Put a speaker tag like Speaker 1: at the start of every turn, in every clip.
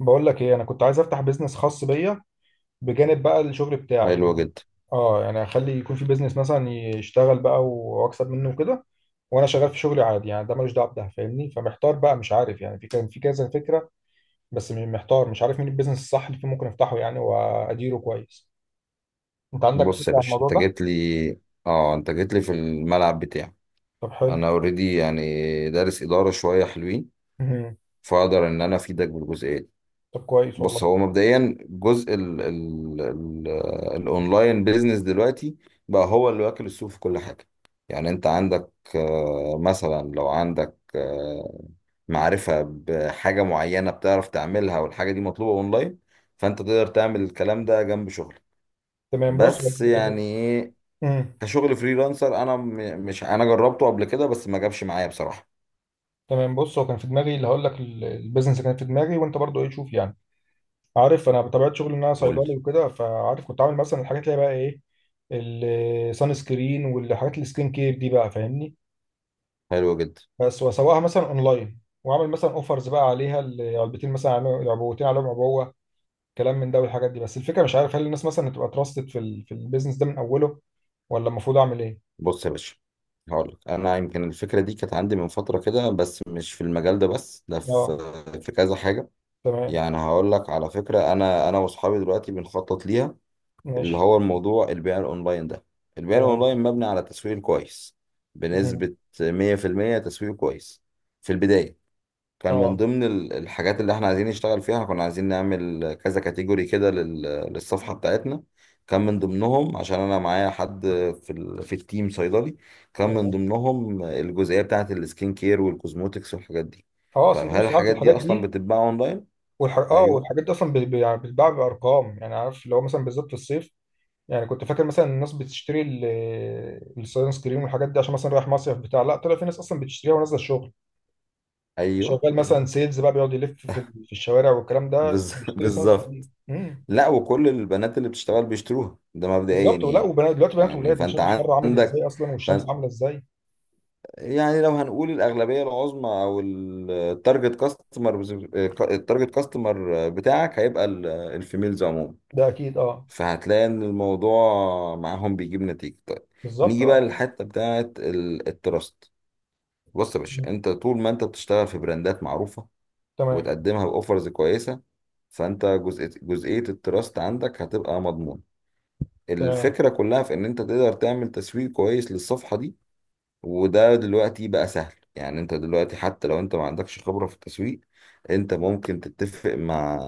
Speaker 1: بقول لك ايه، انا كنت عايز افتح بيزنس خاص بيا بجانب بقى الشغل بتاعي
Speaker 2: حلو
Speaker 1: يعني.
Speaker 2: جدا.
Speaker 1: اه يعني اخلي يكون في بيزنس مثلا يشتغل بقى واكسب منه وكده، وانا شغال في شغلي عادي. يعني ده ملوش دعوه بده فاهمني، فمحتار بقى مش عارف. يعني كان في كذا فكره، بس محتار مش عارف مين البيزنس الصح اللي فيه ممكن افتحه يعني واديره كويس. انت عندك فكره
Speaker 2: بص يا
Speaker 1: عن
Speaker 2: باشا،
Speaker 1: الموضوع
Speaker 2: انت
Speaker 1: ده؟
Speaker 2: جيت لي. اه انت جيت لي في الملعب بتاعي.
Speaker 1: طب حلو.
Speaker 2: انا اوريدي يعني دارس اداره شويه حلوين،
Speaker 1: مهم.
Speaker 2: فاقدر ان انا افيدك بالجزئيه دي.
Speaker 1: طب كويس
Speaker 2: بص،
Speaker 1: والله.
Speaker 2: هو مبدئيا جزء ال ال ال الاونلاين بيزنس دلوقتي بقى هو اللي واكل السوق في كل حاجه. يعني انت عندك، مثلا لو عندك معرفه بحاجه معينه بتعرف تعملها والحاجه دي مطلوبه اونلاين، فانت تقدر تعمل الكلام ده جنب شغلك.
Speaker 1: تمام بص
Speaker 2: بس
Speaker 1: طب-
Speaker 2: يعني
Speaker 1: مم.
Speaker 2: كشغل فريلانسر، انا م- مش انا جربته قبل كده بس ما جابش معايا بصراحه.
Speaker 1: تمام. بص هو كان في دماغي اللي هقول لك، البيزنس اللي كان في دماغي. وانت برضو ايه، شوف يعني، عارف انا بطبيعه شغلي ان انا
Speaker 2: قول.
Speaker 1: صيدلي وكده، فعارف كنت عامل مثلا الحاجات اللي هي بقى ايه، السان سكرين والحاجات السكين كير دي، بقى فاهمني.
Speaker 2: حلو جدا.
Speaker 1: بس واسوقها مثلا اونلاين واعمل مثلا اوفرز بقى عليها، علبتين مثلا العبوتين عليهم عبوه. كلام من ده والحاجات دي. بس الفكره مش عارف هل الناس مثلا هتبقى تراستد في البيزنس ده من اوله، ولا المفروض اعمل ايه؟
Speaker 2: بص يا باشا، هقول لك، انا يمكن الفكره دي كانت عندي من فتره كده بس مش في المجال ده، بس ده في
Speaker 1: اه
Speaker 2: في كذا حاجه.
Speaker 1: تمام
Speaker 2: يعني هقول لك، على فكره انا واصحابي دلوقتي بنخطط ليها، اللي
Speaker 1: ماشي.
Speaker 2: هو الموضوع البيع الاونلاين ده. البيع
Speaker 1: تمام
Speaker 2: الاونلاين مبني على تسويق كويس،
Speaker 1: مهم.
Speaker 2: بنسبه 100% تسويق كويس. في البدايه كان من
Speaker 1: اه
Speaker 2: ضمن الحاجات اللي احنا عايزين نشتغل فيها، كنا عايزين نعمل كذا كاتيجوري كده للصفحة بتاعتنا. كان من ضمنهم عشان انا معايا حد في التيم صيدلي، كان من
Speaker 1: تمام.
Speaker 2: ضمنهم الجزئية بتاعت السكين كير والكوزموتكس والحاجات دي.
Speaker 1: اه اصل
Speaker 2: طيب،
Speaker 1: انت
Speaker 2: هل
Speaker 1: بص عارف
Speaker 2: الحاجات دي
Speaker 1: الحاجات
Speaker 2: اصلا
Speaker 1: دي.
Speaker 2: بتتباع اونلاين؟ ايوه،
Speaker 1: والحاجات دي اصلا يعني بتتباع بارقام يعني، عارف اللي هو مثلا بالذات في الصيف. يعني كنت فاكر مثلا الناس بتشتري الصيانة سكرين والحاجات دي عشان مثلا رايح مصيف بتاع. لا، طلع في ناس اصلا بتشتريها ونازله الشغل،
Speaker 2: ايوه،
Speaker 1: شغال
Speaker 2: ايوه.
Speaker 1: مثلا سيلز بقى بيقعد يلف في الشوارع والكلام ده، بيشتري صيانة سكرين
Speaker 2: بالظبط.
Speaker 1: امم
Speaker 2: لا، وكل البنات اللي بتشتغل بيشتروها، ده مبدئيا
Speaker 1: بالظبط، ولا
Speaker 2: يعني.
Speaker 1: وبنات. دلوقتي بنات
Speaker 2: يعني
Speaker 1: وولاد مش شايف
Speaker 2: فانت
Speaker 1: الحر عامل
Speaker 2: عندك،
Speaker 1: ازاي اصلا والشمس عامله ازاي.
Speaker 2: يعني لو هنقول الأغلبية العظمى أو التارجت كاستمر. التارجت كاستمر بتاعك هيبقى الفيميلز عموما،
Speaker 1: ده اكيد، اه.
Speaker 2: فهتلاقي إن الموضوع معاهم بيجيب نتيجة طيب.
Speaker 1: بالظبط،
Speaker 2: نيجي بقى
Speaker 1: اه.
Speaker 2: للحتة بتاعة التراست. بص يا باشا،
Speaker 1: مم.
Speaker 2: أنت طول ما أنت بتشتغل في براندات معروفة
Speaker 1: تمام.
Speaker 2: وتقدمها بأوفرز كويسة، فأنت جزئية التراست عندك هتبقى مضمونة.
Speaker 1: تمام.
Speaker 2: الفكرة كلها في إن أنت تقدر تعمل تسويق كويس للصفحة دي. وده دلوقتي بقى سهل، يعني انت دلوقتي حتى لو انت ما عندكش خبرة في التسويق، انت ممكن تتفق مع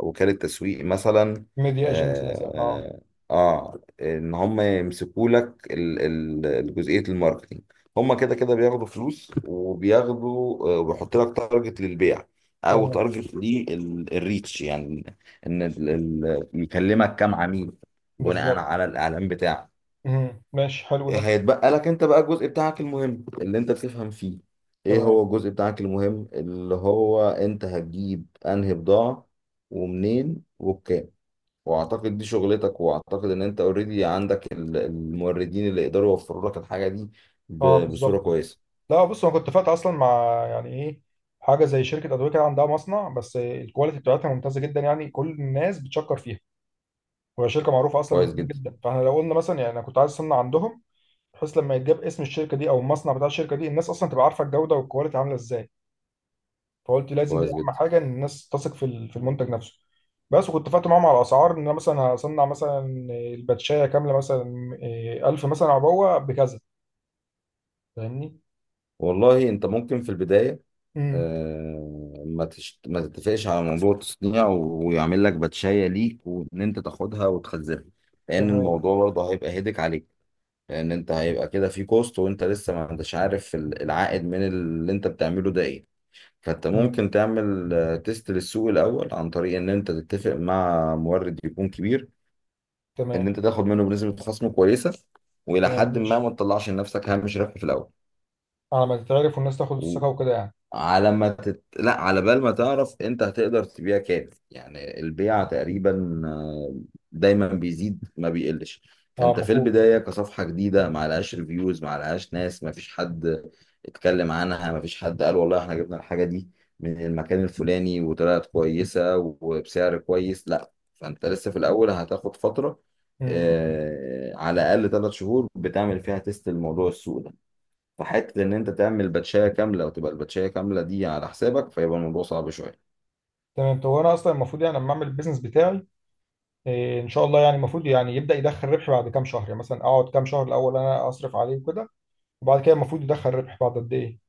Speaker 2: وكالة تسويق مثلا.
Speaker 1: ميديا ايجنسي مثلا، اه.
Speaker 2: اه, ان هم يمسكوا لك الجزئية الماركتينج. هم كده كده بياخدوا فلوس، وبياخدوا، وبيحط لك تارجت للبيع او
Speaker 1: تمام.
Speaker 2: تارجت للريتش، يعني ان يكلمك كام عميل بناء
Speaker 1: بالظبط.
Speaker 2: على الاعلان بتاعك.
Speaker 1: ماشي، حلو ده.
Speaker 2: هيتبقى لك انت بقى الجزء بتاعك المهم اللي انت بتفهم فيه، ايه
Speaker 1: تمام،
Speaker 2: هو الجزء بتاعك المهم، اللي هو انت هتجيب انهي بضاعة ومنين وبكام. واعتقد دي شغلتك، واعتقد ان انت اوريدي عندك الموردين اللي يقدروا يوفروا لك الحاجة دي
Speaker 1: اه.
Speaker 2: بصورة
Speaker 1: بالظبط.
Speaker 2: كويسة.
Speaker 1: لا بص، انا كنت فات اصلا مع، يعني ايه، حاجه زي شركه ادويه كده عندها مصنع، بس الكواليتي بتاعتها ممتازه جدا، يعني كل الناس بتشكر فيها، وهي شركه معروفه اصلا من
Speaker 2: كويس
Speaker 1: زمان
Speaker 2: جدا.
Speaker 1: جدا. فاحنا لو قلنا مثلا، يعني انا كنت عايز اصنع عندهم، بحيث لما يتجاب اسم الشركه دي او المصنع بتاع الشركه دي، الناس اصلا تبقى عارفه الجوده والكواليتي عامله ازاي. فقلت لازم دي
Speaker 2: كويس
Speaker 1: اهم
Speaker 2: جدا.
Speaker 1: حاجه، ان الناس تثق في المنتج نفسه. بس، وكنت فاتح معاهم على الاسعار، ان انا مثلا هصنع مثلا الباتشايه كامله، مثلا 1000 مثلا عبوه بكذا. فاهمني؟
Speaker 2: والله انت ممكن في البداية،
Speaker 1: امم.
Speaker 2: ما تتفقش على موضوع التصنيع ويعمل لك باتشاية ليك، وان انت تاخدها وتخزنها، لان
Speaker 1: تمام.
Speaker 2: الموضوع برضه هيبقى هيدك عليك. لان انت هيبقى كده في كوست، وانت لسه ما انتش عارف العائد من اللي انت بتعمله ده ايه. فانت
Speaker 1: امم.
Speaker 2: ممكن تعمل تيست للسوق الاول عن طريق ان انت تتفق مع مورد يكون كبير، ان
Speaker 1: تمام.
Speaker 2: انت تاخد منه بنسبة خصم كويسة، والى
Speaker 1: تمام
Speaker 2: حد ما
Speaker 1: ماشي،
Speaker 2: ما تطلعش لنفسك هامش ربح في الاول.
Speaker 1: على ما تتعرف والناس تاخد الثقه وكده يعني.
Speaker 2: على ما تت... لا، على بال ما تعرف انت هتقدر تبيع كام، يعني البيع تقريبا دايما بيزيد ما بيقلش.
Speaker 1: اه
Speaker 2: فانت في
Speaker 1: المفروض.
Speaker 2: البداية كصفحة جديدة ما لهاش ريفيوز ما لهاش ناس، ما فيش حد اتكلم عنها، ما فيش حد قال والله احنا جبنا الحاجة دي من المكان الفلاني وطلعت كويسة وبسعر كويس، لا، فانت لسه في الاول هتاخد فترة،
Speaker 1: امم.
Speaker 2: على الاقل 3 شهور بتعمل فيها تيست الموضوع السوق ده. فحته ان انت تعمل باتشايه كامله وتبقى الباتشايه كامله دي على حسابك، فيبقى الموضوع صعب شويه.
Speaker 1: تمام. طب وانا اصلا المفروض يعني لما اعمل البيزنس بتاعي، ان شاء الله يعني، المفروض يعني يبدا يدخل ربح بعد كام شهر؟ يعني مثلا اقعد كام شهر الاول انا اصرف عليه وكده، وبعد كده المفروض يدخل ربح بعد قد ايه؟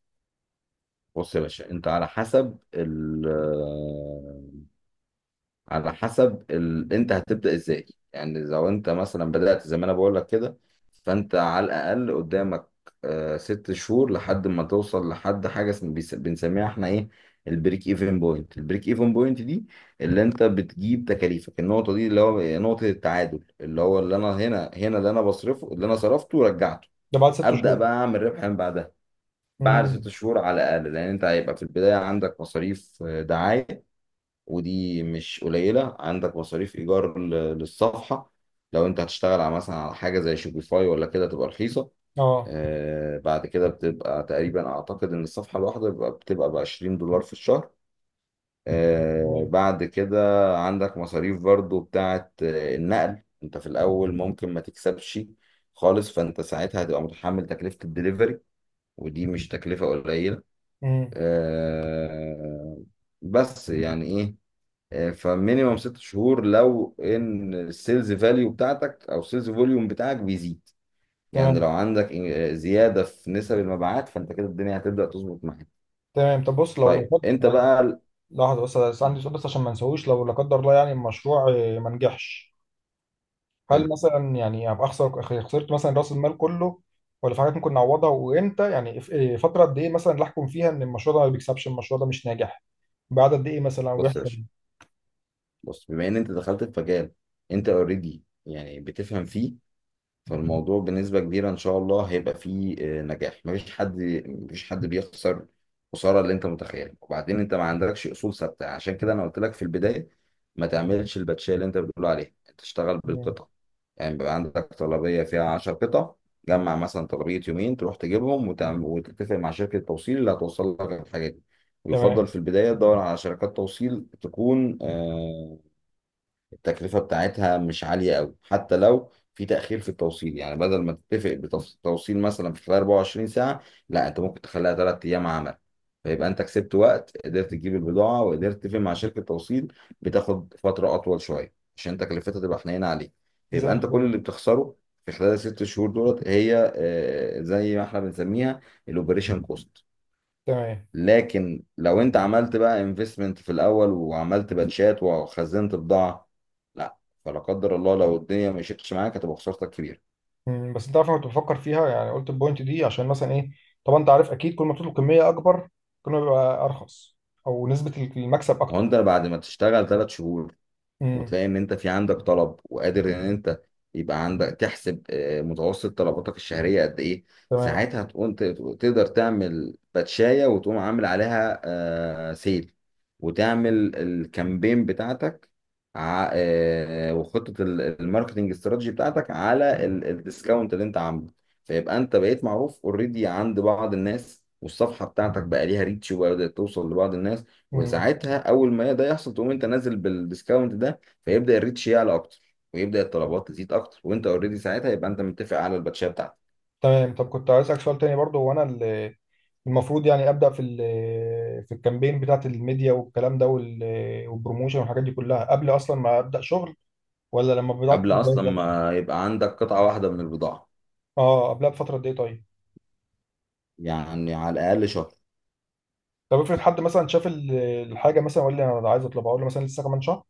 Speaker 2: بص يا باشا، انت على حسب ال آه، على حسب ال... انت هتبدا ازاي؟ يعني لو انت مثلا بدات زي ما انا بقول لك كده، فانت على الاقل قدامك 6 شهور لحد ما توصل لحد حاجه بنسميها احنا ايه، البريك ايفن بوينت دي اللي انت بتجيب تكاليفك، النقطه دي اللي هو نقطه التعادل، اللي هو اللي انا هنا، اللي انا بصرفه اللي انا صرفته رجعته،
Speaker 1: ده بعد ست
Speaker 2: ابدا
Speaker 1: شهور
Speaker 2: بقى اعمل ربح من بعدها. بعد ست
Speaker 1: امم.
Speaker 2: شهور على الاقل، لان انت هيبقى في البدايه عندك مصاريف، دعايه ودي مش قليله، عندك مصاريف ايجار للصفحه لو انت هتشتغل على مثلا على حاجه زي شوبيفاي ولا كده تبقى رخيصه.
Speaker 1: اه
Speaker 2: بعد كده بتبقى تقريبا، اعتقد ان الصفحه الواحده بتبقى ب 20 دولار في الشهر.
Speaker 1: تمام.
Speaker 2: بعد كده عندك مصاريف برضو بتاعه النقل. انت في الاول ممكن ما تكسبش خالص، فانت ساعتها هتبقى متحمل تكلفه الدليفري ودي مش تكلفة قليلة.
Speaker 1: امم.
Speaker 2: آه، بس يعني ايه، فمينيمم 6 شهور لو ان السيلز فاليو بتاعتك او السيلز فوليوم بتاعك بيزيد، يعني لو
Speaker 1: تمام.
Speaker 2: عندك زيادة في نسب المبيعات، فانت كده الدنيا هتبدأ تظبط معاك.
Speaker 1: تمام طب، بص لو لا
Speaker 2: طيب،
Speaker 1: قدر
Speaker 2: انت
Speaker 1: يعني.
Speaker 2: بقى
Speaker 1: لحظه بس، عندي سؤال بس عشان ما نسويش، لو لا قدر الله يعني المشروع ما نجحش، هل
Speaker 2: حلو.
Speaker 1: مثلا يعني ابقى خسرت مثلا راس المال كله، ولا في حاجات ممكن نعوضها؟ وامتى يعني، في- إيه فتره قد ايه مثلا اللي احكم فيها ان المشروع ده ما بيكسبش، المشروع ده مش ناجح؟ بعد قد ايه مثلا،
Speaker 2: بص يا
Speaker 1: ويحصل
Speaker 2: باشا،
Speaker 1: إيه؟
Speaker 2: بص بما ان انت دخلت في مجال انت اوريدي يعني بتفهم فيه، فالموضوع بنسبة كبيرة إن شاء الله هيبقى فيه نجاح. مفيش حد بيخسر خسارة اللي أنت متخيلها. وبعدين أنت ما عندكش أصول ثابتة، عشان كده أنا قلت لك في البداية ما تعملش الباتشية اللي أنت بتقول عليها، أنت تشتغل
Speaker 1: مم.
Speaker 2: بالقطع. يعني بيبقى عندك طلبية فيها 10 قطع، جمع مثلا طلبية يومين، تروح تجيبهم وتعمل وتتفق مع شركة توصيل اللي هتوصل لك الحاجة دي. ويفضل
Speaker 1: تمام
Speaker 2: في البداية تدور على شركات توصيل تكون التكلفة بتاعتها مش عالية قوي، حتى لو في تأخير في التوصيل، يعني بدل ما تتفق بتوصيل مثلا في خلال 24 ساعة، لا، انت ممكن تخليها 3 ايام عمل، فيبقى انت كسبت وقت، قدرت تجيب البضاعة وقدرت تتفق مع شركة توصيل بتاخد فترة اطول شوية عشان تكلفتها تبقى حنينة عليك.
Speaker 1: زي
Speaker 2: فيبقى انت
Speaker 1: الفل.
Speaker 2: كل اللي بتخسره في خلال الست شهور دولت هي زي ما احنا بنسميها، الاوبريشن كوست.
Speaker 1: تمام.
Speaker 2: لكن لو انت عملت بقى انفستمنت في الاول وعملت باتشات وخزنت بضاعه، لا، فلا قدر الله لو الدنيا مشيتش معاك هتبقى خسارتك كبيره.
Speaker 1: مم. بس انت عارف، انا كنت بفكر فيها يعني. قلت البوينت دي عشان مثلا ايه، طبعا انت عارف اكيد كل ما بتطلب كميه اكبر كل ما بيبقى ارخص، او نسبه المكسب اكتر.
Speaker 2: وانت بعد ما تشتغل 3 شهور
Speaker 1: مم.
Speaker 2: وتلاقي ان انت في عندك طلب وقادر ان انت، يبقى عندك تحسب متوسط طلباتك الشهرية قد ايه،
Speaker 1: تمام.
Speaker 2: ساعتها تقوم تقدر تعمل باتشاية، وتقوم عامل عليها سيل، وتعمل الكامبين بتاعتك، وخطة الماركتنج استراتيجي بتاعتك على الديسكاونت اللي انت عامله. فيبقى انت بقيت معروف اوريدي عند بعض الناس، والصفحة بتاعتك بقى ليها ريتش وبدأت توصل لبعض الناس.
Speaker 1: مم.
Speaker 2: وساعتها اول ما ده يحصل، تقوم انت نازل بالديسكاونت ده، فيبدا الريتش يعلى اكتر، ويبدا الطلبات تزيد اكتر، وانت اوريدي ساعتها يبقى انت متفق على الباتشيه بتاعتك
Speaker 1: تمام. طب كنت عايز اسالك سؤال تاني برضو، هو انا المفروض يعني ابدا في الكامبين بتاعت الميديا والكلام ده وال- والبروموشن والحاجات دي كلها قبل اصلا ما ابدا شغل، ولا لما بدات
Speaker 2: قبل
Speaker 1: الجهاز
Speaker 2: اصلا
Speaker 1: ده؟
Speaker 2: ما يبقى عندك قطعه واحده من البضاعه.
Speaker 1: اه قبلها بفتره قد ايه طيب؟
Speaker 2: يعني على الاقل شهر.
Speaker 1: طب افرض حد مثلا شاف الحاجه مثلا وقال لي انا عايز اطلبها، اقول له مثلا لسه كمان شهر؟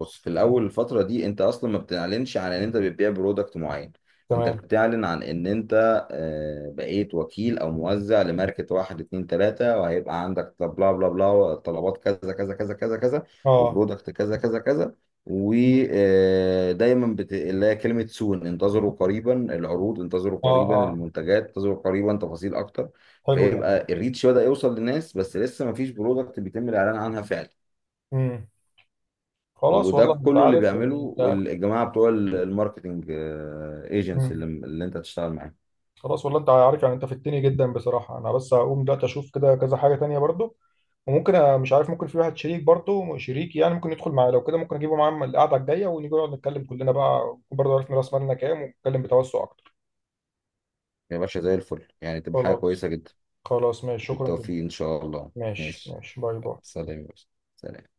Speaker 2: بص، في الاول الفتره دي انت اصلا ما بتعلنش عن ان انت بتبيع برودكت معين، انت
Speaker 1: تمام،
Speaker 2: بتعلن عن ان انت بقيت وكيل او موزع لماركه واحد اتنين تلاته، وهيبقى عندك بلا بلا بلا طلبات كذا كذا كذا كذا كذا،
Speaker 1: اه.
Speaker 2: وبرودكت كذا كذا كذا،
Speaker 1: مم.
Speaker 2: ودايما اللي هي كلمه سون، انتظروا قريبا العروض، انتظروا
Speaker 1: اه
Speaker 2: قريبا
Speaker 1: اه،
Speaker 2: المنتجات، انتظروا قريبا تفاصيل اكتر.
Speaker 1: حلو ده.
Speaker 2: فيبقى الريتش بدأ يوصل للناس بس لسه ما فيش برودكت بيتم الاعلان عنها فعلا.
Speaker 1: امم. خلاص
Speaker 2: وده
Speaker 1: والله، انت
Speaker 2: كله اللي
Speaker 1: عارف
Speaker 2: بيعمله
Speaker 1: يعني انت.
Speaker 2: والجماعه بتوع الماركتنج ايجنسي
Speaker 1: مم.
Speaker 2: اللي انت هتشتغل معاهم.
Speaker 1: خلاص والله، انت عارف يعني، انت فدتني جدا بصراحه. انا بس هقوم دلوقتي اشوف كده كذا حاجه تانية برضو، وممكن مش عارف، ممكن في واحد شريك، برضو شريك يعني ممكن يدخل معايا. لو كده ممكن اجيبه معايا القعده الجايه، ونيجي نقعد نتكلم كلنا بقى برضه، عرفنا راس مالنا كام ونتكلم بتوسع اكتر.
Speaker 2: يا باشا زي الفل يعني، تبقى حاجه
Speaker 1: خلاص.
Speaker 2: كويسه جدا.
Speaker 1: خلاص ماشي، شكرا
Speaker 2: بالتوفيق
Speaker 1: جدا.
Speaker 2: ان شاء الله،
Speaker 1: ماشي
Speaker 2: ماشي.
Speaker 1: ماشي، باي باي.
Speaker 2: سلام يا باشا. سلام.